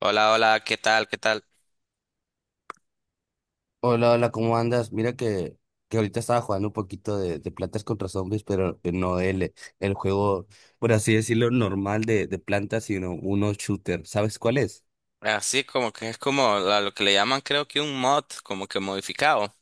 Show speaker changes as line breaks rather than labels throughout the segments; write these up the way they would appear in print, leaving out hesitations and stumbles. Hola, hola, ¿qué tal? ¿Qué tal?
Hola, hola, ¿cómo andas? Mira que ahorita estaba jugando un poquito de Plantas contra Zombies, pero que no el, el juego, por así decirlo, normal de plantas, sino uno shooter. ¿Sabes cuál es?
Así como que es como lo que le llaman, creo que un mod, como que modificado,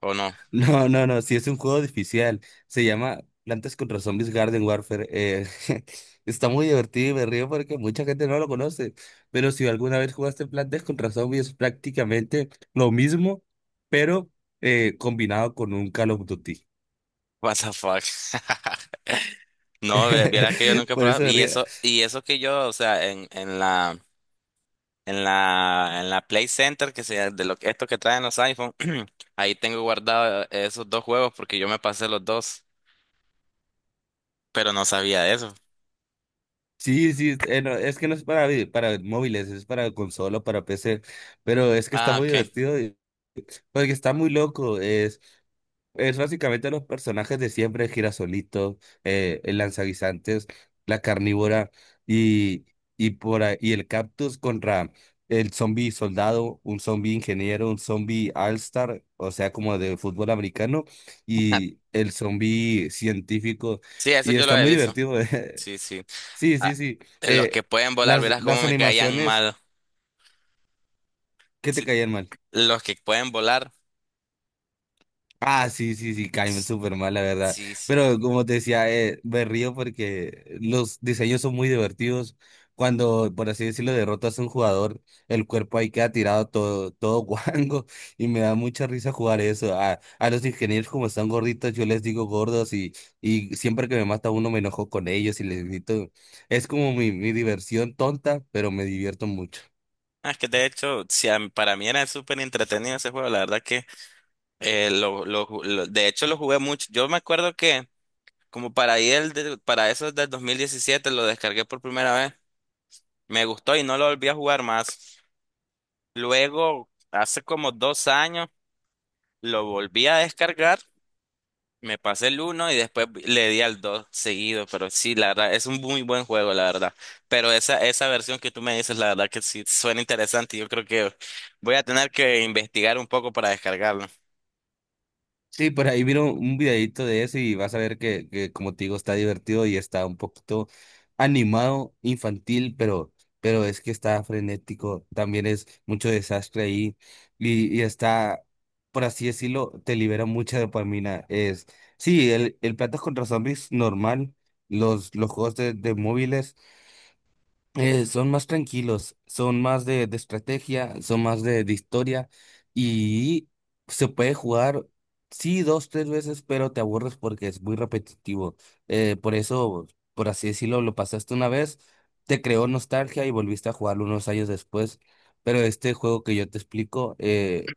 ¿o no?
No, no, no, sí es un juego difícil. Se llama Plantas contra Zombies Garden Warfare. Está muy divertido y me río porque mucha gente no lo conoce. Pero si alguna vez jugaste Plantas contra Zombies, es prácticamente lo mismo, pero combinado con un Call of Duty.
What the fuck. No, vieras que yo nunca he
Por eso
probado.
me río.
Y eso que yo, o sea, en la Play Center, que sea de lo que esto que traen los iPhone, ahí tengo guardado esos dos juegos porque yo me pasé los dos, pero no sabía de eso.
Sí, sí, no, es que no es para, para móviles, es para consola, para PC, pero es que está
Ah,
muy
ok.
divertido, y porque está muy loco, es básicamente los personajes de siempre, el girasolito, el lanzaguisantes, la carnívora y, y, y el cactus contra el zombie soldado, un zombie ingeniero, un zombie all-star, o sea, como de fútbol americano, y el zombie científico,
Sí, eso
y
yo lo
está
he
muy
visto.
divertido.
Sí, sí.
Sí,
Ah,
sí, sí.
de los que
Eh,
pueden volar,
las,
verás cómo
las
me caían
animaciones
mal.
que te
Sí,
caían mal.
los que pueden volar.
Ah, sí, sí, sí, caen súper mal, la verdad.
Sí, sí.
Pero como te decía, me río porque los diseños son muy divertidos. Cuando, por así decirlo, derrotas a un jugador, el cuerpo ahí queda tirado todo, todo guango y me da mucha risa jugar eso. A los ingenieros, como están gorditos, yo les digo gordos y siempre que me mata uno me enojo con ellos y les grito. Es como mi diversión tonta, pero me divierto mucho.
Ah, es que de hecho, sí, para mí era súper entretenido ese juego. La verdad que de hecho lo jugué mucho. Yo me acuerdo que como para ahí para eso del 2017 lo descargué por primera vez. Me gustó y no lo volví a jugar más. Luego, hace como dos años, lo volví a descargar. Me pasé el uno y después le di al 2 seguido, pero sí, la verdad, es un muy buen juego, la verdad. Pero esa versión que tú me dices, la verdad que sí suena interesante. Yo creo que voy a tener que investigar un poco para descargarlo.
Sí, por ahí vieron un videito de eso y vas a ver que, como te digo, está divertido y está un poquito animado, infantil, pero es que está frenético, también es mucho desastre ahí y está, por así decirlo, te libera mucha dopamina. Es, sí, el Plantas contra Zombies normal, los juegos de móviles. Son más tranquilos, son más de estrategia, son más de historia y se puede jugar, sí, dos, tres veces, pero te aburres porque es muy repetitivo. Por eso, por así decirlo, lo pasaste una vez, te creó nostalgia y volviste a jugarlo unos años después. Pero este juego que yo te explico,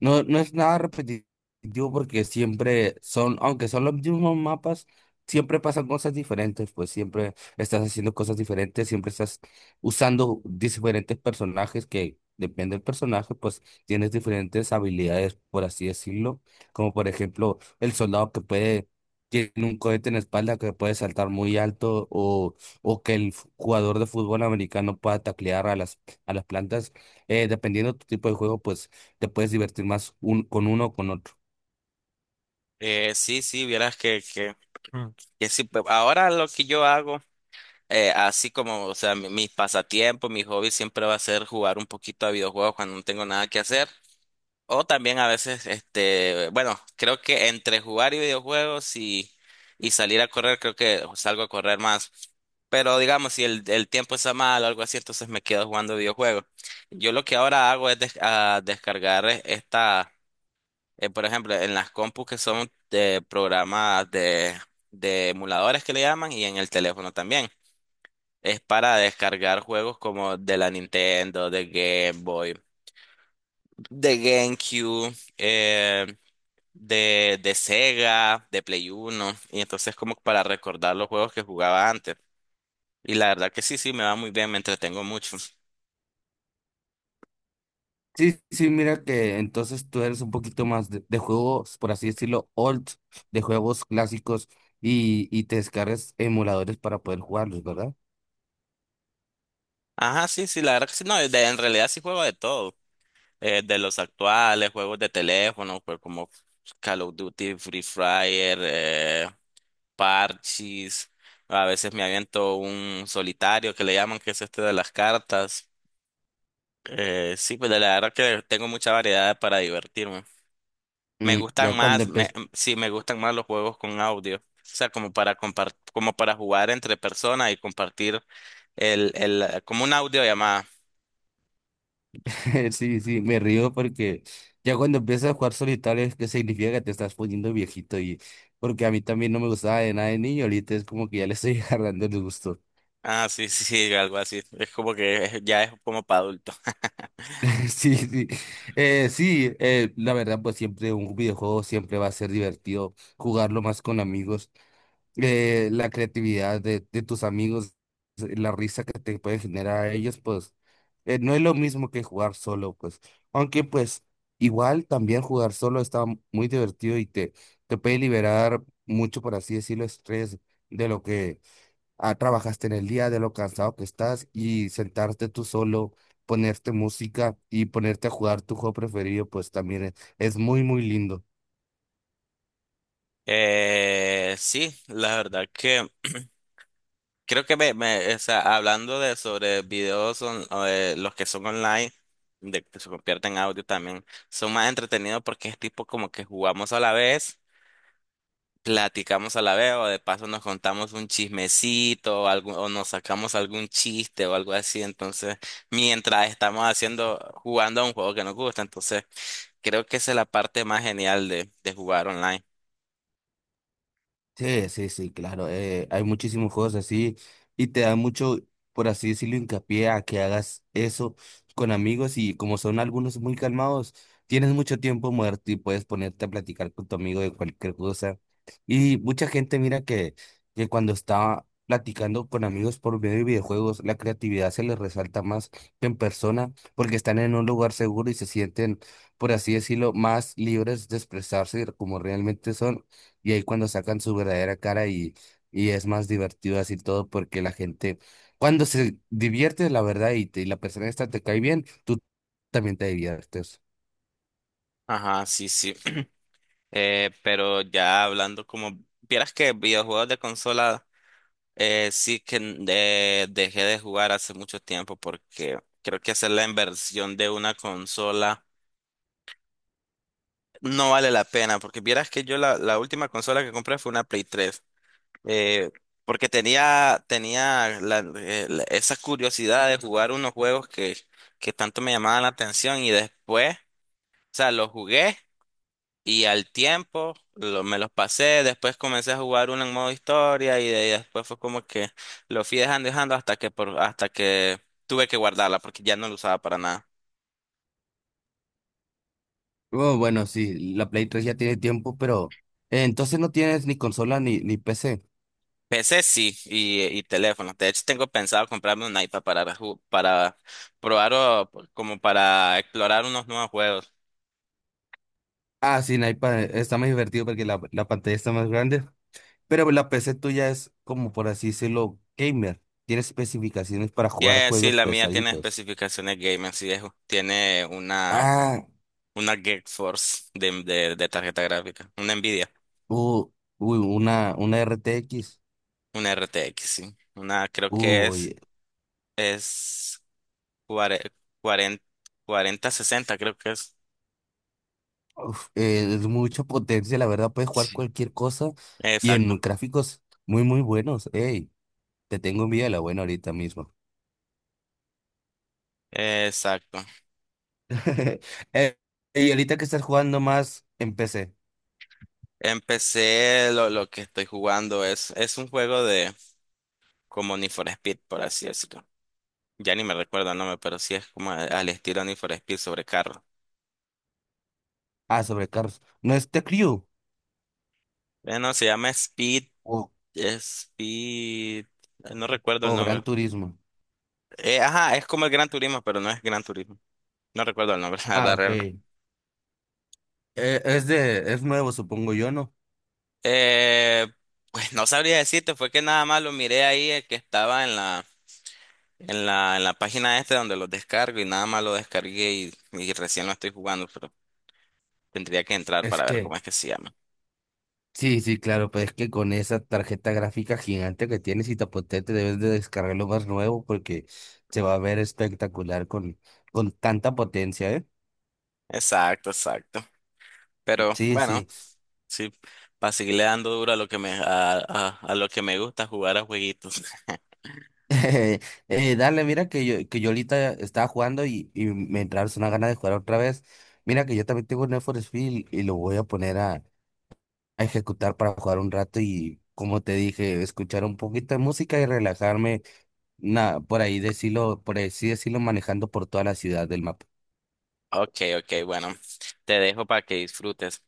no, no es nada repetitivo porque siempre son, aunque son los mismos mapas, siempre pasan cosas diferentes, pues siempre estás haciendo cosas diferentes, siempre estás usando diferentes personajes que depende del personaje, pues tienes diferentes habilidades, por así decirlo, como por ejemplo el soldado que puede, tiene un cohete en la espalda que puede saltar muy alto o que el jugador de fútbol americano pueda taclear a las plantas, dependiendo de tu tipo de juego, pues te puedes divertir más un, con uno o con otro.
Sí, sí, vieras mm, que sí. Ahora lo que yo hago, así como, o sea, mis pasatiempos, mi hobby siempre va a ser jugar un poquito a videojuegos cuando no tengo nada que hacer. O también a veces, este, bueno, creo que entre jugar y videojuegos y salir a correr, creo que salgo a correr más. Pero digamos, si el tiempo está mal o algo así, entonces me quedo jugando videojuegos. Yo lo que ahora hago es des- a descargar esta, por ejemplo, en las compus que son de programas de emuladores que le llaman y en el teléfono también. Es para descargar juegos como de la Nintendo, de Game Boy, de GameCube, de Sega, de Play Uno, y entonces como para recordar los juegos que jugaba antes. Y la verdad que sí, sí, me va muy bien, me entretengo mucho.
Sí, sí, mira que entonces tú eres un poquito más de juegos, por así decirlo, old, de juegos clásicos y te descargas emuladores para poder jugarlos, ¿verdad?
Ajá, sí, sí, la verdad que sí, no, en realidad sí juego de todo, de los actuales, juegos de teléfono, pues como Call of Duty, Free Fire, Parchís, a veces me aviento un solitario que le llaman, que es este de las cartas. Sí, pues la verdad que tengo mucha variedad para divertirme. Me
Mm, ya
gustan
cuando
más,
empiezas.
sí, me gustan más los juegos con audio. O sea, como para como para jugar entre personas y compartir como una audiollamada.
Sí, sí, me río porque ya cuando empiezas a jugar solitario es que significa que te estás poniendo viejito y porque a mí también no me gustaba de nada de niño, ahorita es como que ya le estoy agarrando el gusto.
Ah, sí, sí, sí, algo así. Es como que ya es como para adultos.
Sí, sí, sí, la verdad, pues siempre un videojuego siempre va a ser divertido jugarlo más con amigos. La creatividad de tus amigos, la risa que te puede generar a ellos, pues no es lo mismo que jugar solo, pues. Aunque, pues, igual también jugar solo está muy divertido y te puede liberar mucho, por así decirlo, estrés de lo que trabajaste en el día, de lo cansado que estás y sentarte tú solo, ponerte música y ponerte a jugar tu juego preferido, pues también es muy, muy lindo.
Sí, la verdad que creo que o sea, hablando de sobre los que son online, de que se convierten en audio también, son más entretenidos porque es tipo como que jugamos a la vez. Platicamos a la vez o de paso nos contamos un chismecito o, o nos sacamos algún chiste o algo así. Entonces, mientras estamos haciendo, jugando a un juego que nos gusta, entonces creo que esa es la parte más genial de jugar online.
Sí, sí, sí, claro. Hay muchísimos juegos así y te da mucho, por así decirlo, hincapié a que hagas eso con amigos y como son algunos muy calmados, tienes mucho tiempo muerto y puedes ponerte a platicar con tu amigo de cualquier cosa. Y mucha gente mira que cuando está platicando con amigos por medio de videojuegos, la creatividad se les resalta más que en persona porque están en un lugar seguro y se sienten, por así decirlo, más libres de expresarse como realmente son. Y ahí cuando sacan su verdadera cara y es más divertido así todo porque la gente, cuando se divierte la verdad y, y la persona esta te cae bien, tú también te diviertes.
Ajá, sí, sí. Pero ya hablando como, vieras que videojuegos de consola, sí que dejé de jugar hace mucho tiempo porque creo que hacer la inversión de una consola no vale la pena, porque vieras que yo la última consola que compré fue una Play 3, eh, porque tenía, tenía esa curiosidad de jugar unos juegos que tanto me llamaban la atención y después, o sea, los jugué y al tiempo me los pasé, después comencé a jugar uno en modo historia y, de, ahí después fue como que lo fui dejando dejando hasta que, por, hasta que tuve que guardarla porque ya no lo usaba para nada.
Oh, bueno, sí, la Play 3 ya tiene tiempo, pero entonces no tienes ni consola ni, ni PC.
PC sí, y teléfono. De hecho, tengo pensado comprarme un iPad para, para probar o como para explorar unos nuevos juegos.
Ah, sí, en iPad está más divertido porque la pantalla está más grande, pero la PC tuya es como por así decirlo, gamer. Tiene especificaciones para jugar
Que sí,
juegos
la mía tiene
pesaditos.
especificaciones gaming, sí, tiene
Ah,
una GeForce de tarjeta gráfica, una Nvidia,
uh, uy, una RTX.
una RTX, sí. Una creo que
Uy,
es cuarenta 4060 creo que es.
uf, es mucha potencia, la verdad, puedes jugar
Sí.
cualquier cosa y en
Exacto.
gráficos muy, muy buenos. Ey, te tengo envidia de la buena ahorita mismo.
Exacto.
Y ahorita que estás jugando más en PC.
Empecé lo que estoy jugando es un juego de, como Need for Speed, por así decirlo. Ya ni me recuerdo el nombre, pero sí es como al estilo Need for Speed sobre carro.
Ah, sobre carros. ¿No es The Crew
No, se llama Speed,
o,
Speed, no recuerdo el
o Gran
nombre.
Turismo?
Ajá, es como el Gran Turismo, pero no es Gran Turismo. No recuerdo el nombre, la
Ah,
verdad,
ok.
real.
Es de, es nuevo, supongo yo, ¿no?
Eh, pues no sabría decirte, fue que nada más lo miré ahí, que estaba en la, en la página este donde lo descargo y nada más lo descargué y recién lo estoy jugando, pero tendría que entrar
Es
para ver
que,
cómo es que se llama.
sí, sí, claro, pues es que con esa tarjeta gráfica gigante que tienes y tan potente debes de descargar lo más nuevo porque se va a ver espectacular con tanta potencia, ¿eh?
Exacto, exacto. Pero
Sí,
bueno.
sí.
Sí, para seguirle dando duro a lo que me, a lo que me gusta jugar a jueguitos.
Dale, mira que yo ahorita estaba jugando y me entraron una gana de jugar otra vez. Mira que yo también tengo un Need for Speed y lo voy a poner a ejecutar para jugar un rato y, como te dije, escuchar un poquito de música y relajarme, nada, por ahí decirlo, por así decirlo, manejando por toda la ciudad del mapa.
Ok, ok, bueno, te dejo para que disfrutes.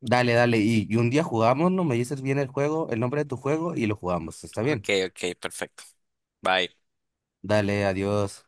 Dale, dale. Y un día jugamos, ¿no? Me dices bien el juego, el nombre de tu juego y lo jugamos. ¿Está bien?
Ok, ok, perfecto. Bye.
Dale, adiós.